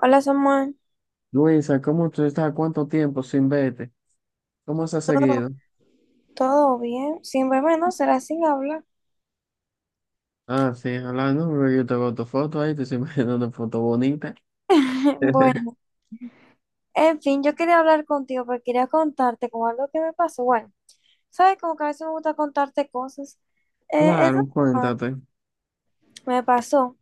Hola Samuel, Luisa, ¿cómo tú estás? ¿Cuánto tiempo sin verte? ¿Cómo se ha ¿todo, seguido? todo bien? Sin verme no será sin hablar. Ah, sí, hablando, porque yo tengo tu foto ahí, te estoy mandando una foto bonita. Bueno, en fin, yo quería hablar contigo porque quería contarte con algo que me pasó. Bueno, sabes como que a veces me gusta contarte cosas. Eso Claro, cuéntate. me pasó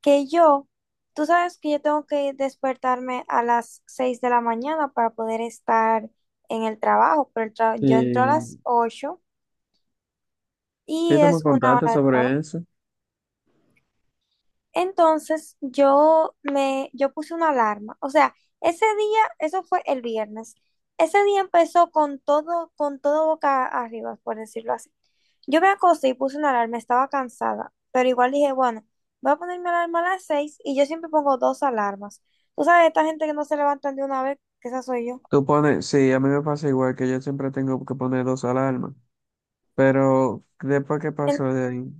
que tú sabes que yo tengo que despertarme a las 6 de la mañana para poder estar en el trabajo, pero yo entro a las Sí, 8 y sí, tú me es una contaste hora de trabajo. sobre eso. Entonces yo puse una alarma. O sea, ese día, eso fue el viernes. Ese día empezó con todo boca arriba, por decirlo así. Yo me acosté y puse una alarma, estaba cansada, pero igual dije, bueno, voy a poner mi alarma a las 6 y yo siempre pongo dos alarmas. Tú sabes, esta gente que no se levantan de una vez, que esa soy yo. Tú pones, sí, a mí me pasa igual que yo siempre tengo que poner dos alarmas, pero después que pasó de ahí,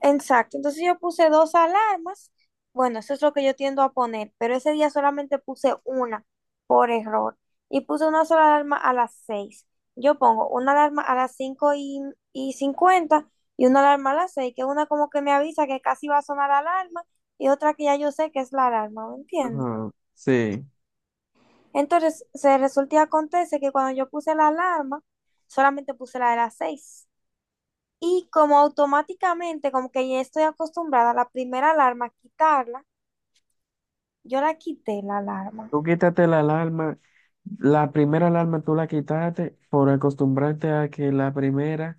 Exacto, entonces yo puse dos alarmas. Bueno, eso es lo que yo tiendo a poner, pero ese día solamente puse una por error y puse una sola alarma a las 6. Yo pongo una alarma a las 5 y 50 y una alarma a las 6, que una como que me avisa que casi va a sonar la alarma y otra que ya yo sé que es la alarma, ¿me entiendes? ajá, sí. Entonces, se resulta y acontece que cuando yo puse la alarma, solamente puse la de las 6. Y como automáticamente, como que ya estoy acostumbrada a la primera alarma, quitarla, yo la quité la alarma. Tú quítate la alarma, la primera alarma tú la quitaste por acostumbrarte a que la primera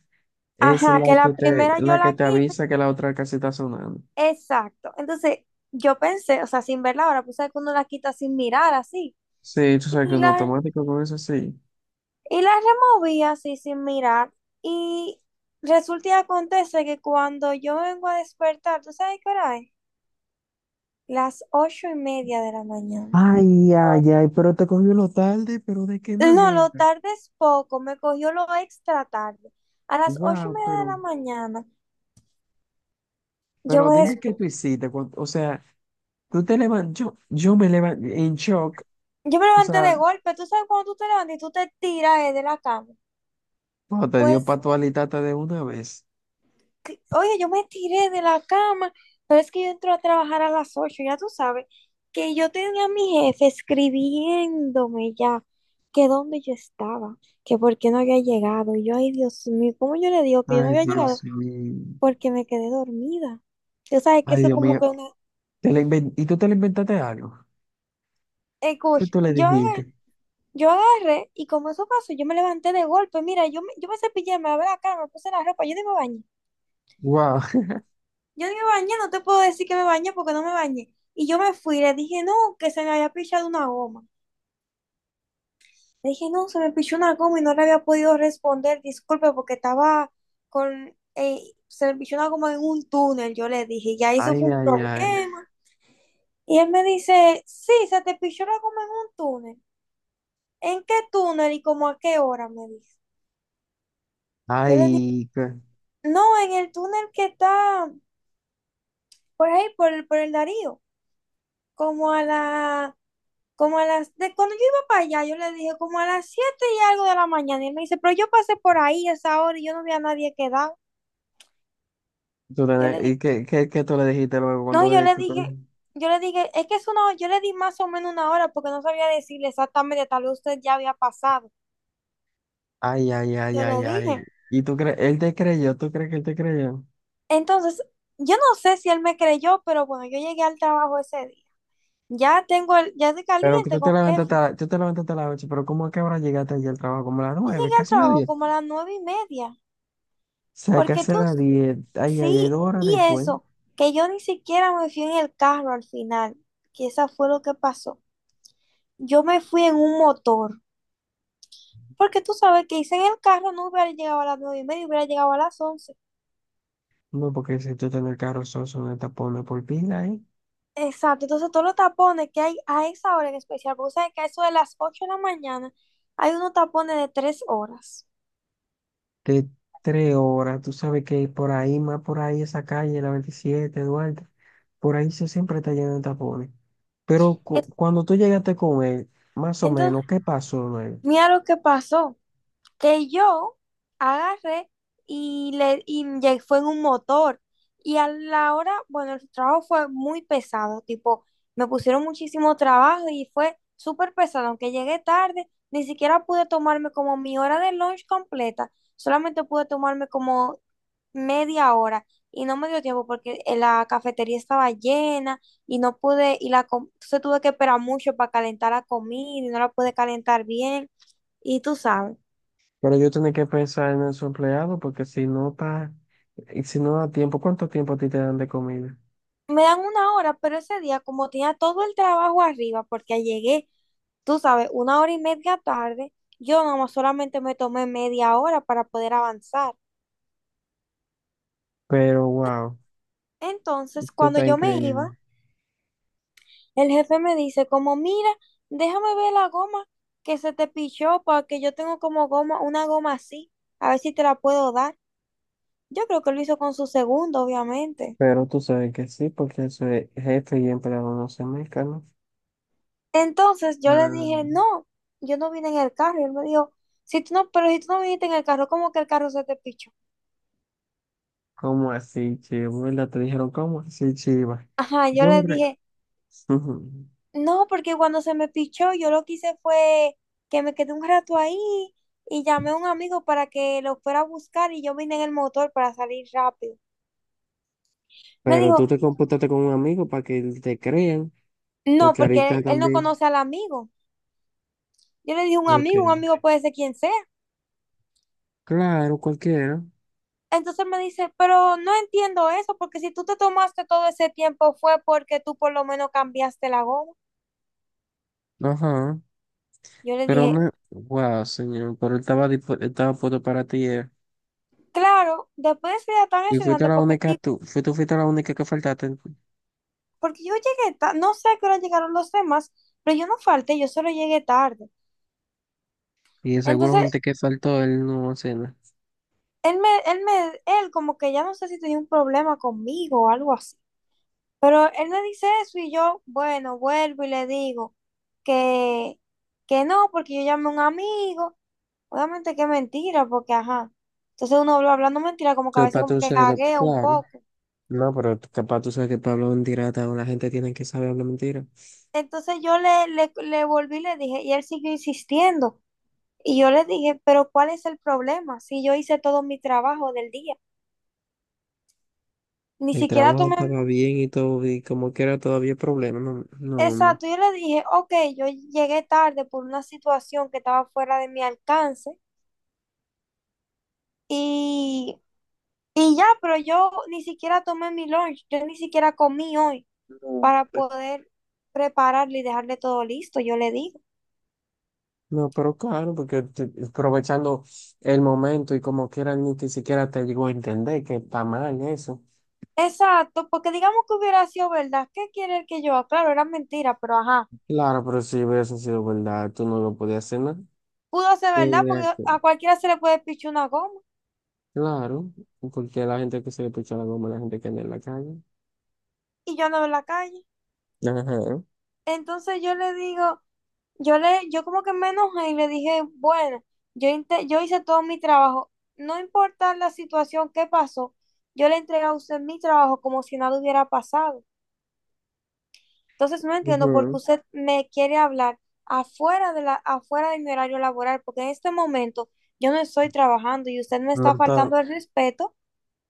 es Ajá, que la que la te, primera yo la que la te quito. avisa que la otra casi está sonando. Exacto. Entonces, yo pensé, o sea, sin verla ahora, pues que uno la quita sin mirar así. Sí, tú sabes que Y un la, automático con eso sí. y la removí así sin mirar. Y resulta y acontece que cuando yo vengo a despertar, ¿tú sabes qué hora es? Las 8:30 de la mañana. Ay, ay, ay, pero te cogió lo tarde, pero ¿de qué No, lo manera? tarde es poco, me cogió lo extra tarde. A las ocho y Wow, media de pero, la mañana, yo pero me, dime qué des- tú hiciste. O sea, tú te levantas, yo me levanté en shock. yo me O levanté sea, de golpe. Tú sabes cuando tú te levantas y tú te tiras de la cama. cuando te dio Pues, pa' tu alitata de una vez. Oye, yo me tiré de la cama, pero es que yo entro a trabajar a las 8, ya tú sabes, que yo tenía a mi jefe escribiéndome ya, que dónde yo estaba, que por qué no había llegado. Y yo, ay, Dios mío, ¿cómo yo le digo que yo no Ay, había llegado? Dios mío. Porque me quedé dormida. Tú sabes que Ay, eso Dios como que mío. una, ¿Y tú te le inventaste algo? ¿Qué escucha, tú le yo agarré, dijiste? yo agarré, y como eso pasó, yo me levanté de golpe. Mira, yo me cepillé, me lavé la cara, me puse la ropa, yo ni me bañé. Wow. Yo ni me bañé, no te puedo decir que me bañé porque no me bañé. Y yo me fui, le dije, no, que se me había pichado una goma. Le dije, no, se me pichó una goma y no le había podido responder, disculpe, porque estaba con, eh, se me pichó una goma en un túnel, yo le dije, ya eso Ay, fue un ay, ay. problema. Y él me dice, sí, se te pichó la goma en un túnel. ¿En qué túnel y como a qué hora? Me dice. Yo le Ay, ¿qué? No, en el túnel que está por ahí, por el Darío, como a la, como a las, de, cuando yo iba para allá, yo le dije como a las siete y algo de la mañana, y él me dice, pero yo pasé por ahí a esa hora y yo no vi a nadie quedado. Yo le ¿Y dije, qué tú le dijiste luego cuando no, le dijiste? Yo le dije, es que es yo le di más o menos una hora porque no sabía decirle exactamente, tal vez usted ya había pasado. Ay, ay, ay, Yo ay, le ay. dije. ¿Y tú crees? Él te creyó, ¿tú crees que él te creyó? Entonces, yo no sé si él me creyó, pero bueno, yo llegué al trabajo ese día. Ya tengo el, ya estoy Pero que caliente con jefe. Tú te levantaste a las 8, pero ¿cómo es que ahora llegaste allí al trabajo? Como a las Yo 9, llegué al casi las trabajo 10. O como a las 9:30, sea, porque casi a tú las 10. Ay, ay, ay, sí, 2 horas y después. eso, que yo ni siquiera me fui en el carro al final, que esa fue lo que pasó. Yo me fui en un motor, porque tú sabes que hice en el carro no hubiera llegado a las 9:30, hubiera llegado a las 11. No, porque si tú estás en el carro, sos una tapona por pila, ¿eh? Exacto, entonces todos los tapones que hay a esa hora en especial, porque sabes que a eso de las 8 de la mañana hay unos tapones de 3 horas. De 3 horas. Tú sabes que por ahí, más por ahí, esa calle, la 27, Duarte, por ahí se siempre está lleno de tapones. Pero Es- cuando tú llegaste con él, más o Entonces, menos, ¿qué pasó luego? mira lo que pasó, que yo agarré y ya fue en un motor. Y a la hora, bueno, el trabajo fue muy pesado, tipo, me pusieron muchísimo trabajo y fue súper pesado, aunque llegué tarde, ni siquiera pude tomarme como mi hora de lunch completa, solamente pude tomarme como media hora y no me dio tiempo porque en la cafetería estaba llena y no pude, entonces tuve que esperar mucho para calentar la comida y no la pude calentar bien y tú sabes. Pero yo tenía que pensar en su empleado porque si no está, y si no da tiempo, ¿cuánto tiempo a ti te dan de comida? Me dan 1 hora, pero ese día, como tenía todo el trabajo arriba, porque llegué, tú sabes, 1 hora y media tarde, yo nomás solamente me tomé media hora para poder avanzar. Pero wow, Entonces, esto cuando está yo me iba, increíble. el jefe me dice como, mira, déjame ver la goma que se te pichó, porque yo tengo como goma, una goma así, a ver si te la puedo dar. Yo creo que lo hizo con su segundo, obviamente. Pero tú sabes que sí, porque eso es jefe y empleado no se mezclan, ¿no? Entonces yo Para le nada. dije, no, yo no vine en el carro. Y él me dijo, si tú no, pero si tú no viniste en el carro, ¿cómo que el carro se te pichó? ¿Cómo así, chivo? ¿Verdad? Te dijeron, ¿cómo así, chiva? Ajá, yo Yo le re- dije, Ujú. no, porque cuando se me pichó, yo lo que hice fue que me quedé un rato ahí y llamé a un amigo para que lo fuera a buscar y yo vine en el motor para salir rápido. Me Pero tú dijo, te computaste con un amigo para que te crean, no, porque porque ahorita él no también. conoce al amigo. Yo le dije, Ok. Un amigo puede ser quien sea. Claro, cualquiera. Entonces me dice, pero no entiendo eso, porque si tú te tomaste todo ese tiempo fue porque tú por lo menos cambiaste la goma. Ajá. Yo le Pero dije, me. Wow, señor. Pero él estaba puesto para ti. Claro, después de ese día tan Y fuiste estresante, la única, tú fuiste la única que faltaste. porque yo llegué tarde, no sé a qué hora llegaron los demás, pero yo no falté, yo solo llegué tarde. Y de seguro Entonces, gente que faltó, él no hace nada. Él como que ya no sé si tenía un problema conmigo o algo así. Pero él me dice eso y yo, bueno, vuelvo y le digo que, que no, porque yo llamé a un amigo. Obviamente que es mentira, porque ajá. Entonces uno habla hablando mentira, como que a Yo, veces para como tú que ser, gaguea un claro. poco. No, pero capaz tú sabes que Pablo hablar mentira, la gente tiene que saber hablar mentira. Entonces yo le volví y le dije, y él siguió insistiendo. Y yo le dije, pero ¿cuál es el problema? Si yo hice todo mi trabajo del día, ni El siquiera trabajo tomé. estaba bien y todo, y como que era todavía problema, no, no, hombre. Exacto, yo le dije, ok, yo llegué tarde por una situación que estaba fuera de mi alcance y, y ya, pero yo ni siquiera tomé mi lunch, yo ni siquiera comí hoy No, para hombre. poder prepararle y dejarle todo listo, yo le dije. No, pero claro, porque aprovechando el momento y como quiera ni que siquiera te llegó a entender que está mal eso. Exacto, porque digamos que hubiera sido verdad, ¿qué quiere el que yo? Claro, era mentira, pero ajá. Claro, pero si hubiese sido verdad, tú no lo podías hacer nada. Pudo ser Sí, verdad, mira porque que. a cualquiera se le puede pichar una goma Claro, porque la gente que se le picha la goma, la gente que anda en la calle. y yo ando en la calle. Ajá. Entonces yo le digo, yo como que me enojé y le dije, bueno, yo hice todo mi trabajo, no importa la situación que pasó, yo le entregué a usted mi trabajo como si nada hubiera pasado. Entonces no entiendo por qué Ujú. usted me quiere hablar afuera de mi horario laboral, porque en este momento yo no estoy trabajando y usted me No está está, faltando el respeto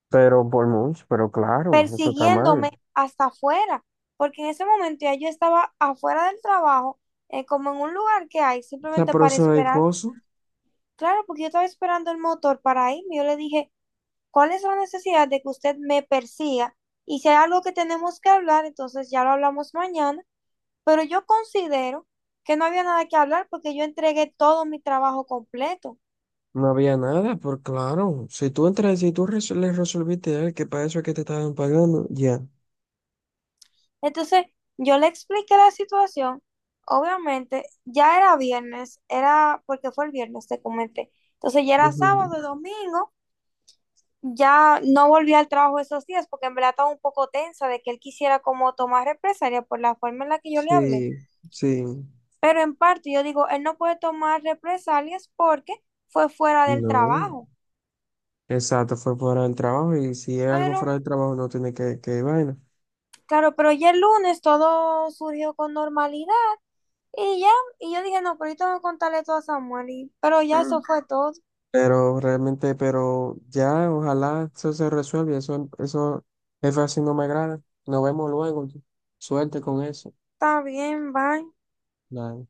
pero por mucho, pero claro, eso está mal. persiguiéndome hasta afuera, porque en ese momento ya yo estaba afuera del trabajo, como en un lugar que hay, O sea, simplemente pero para eso es esperar. cosa. Claro, porque yo estaba esperando el motor para irme. Yo le dije, ¿cuál es la necesidad de que usted me persiga? Y si hay algo que tenemos que hablar, entonces ya lo hablamos mañana, pero yo considero que no había nada que hablar porque yo entregué todo mi trabajo completo. No había nada, por claro. Si tú entras, si tú res- Le resolviste a él que para eso es que te estaban pagando, ya. Entonces, yo le expliqué la situación. Obviamente, ya era viernes, era porque fue el viernes, te comenté. Entonces, ya era Ujú. sábado, domingo, ya no volví al trabajo esos días porque en verdad estaba un poco tensa de que él quisiera como tomar represalia por la forma en la que yo le hablé. Sí, sí. Pero en parte yo digo, él no puede tomar represalias porque fue fuera del No. trabajo. Exacto, fue fuera del trabajo y si es algo fuera Pero del trabajo no tiene que vaina. claro, pero ya el lunes todo surgió con normalidad y ya, y yo dije, no, pero yo tengo que contarle todo a Samuel, pero ya eso Mm. fue todo, Pero realmente, pero ya, ojalá eso se resuelva. Eso, jefe, así no me agrada. Nos vemos luego. Suerte con eso. está bien, bye. Nada.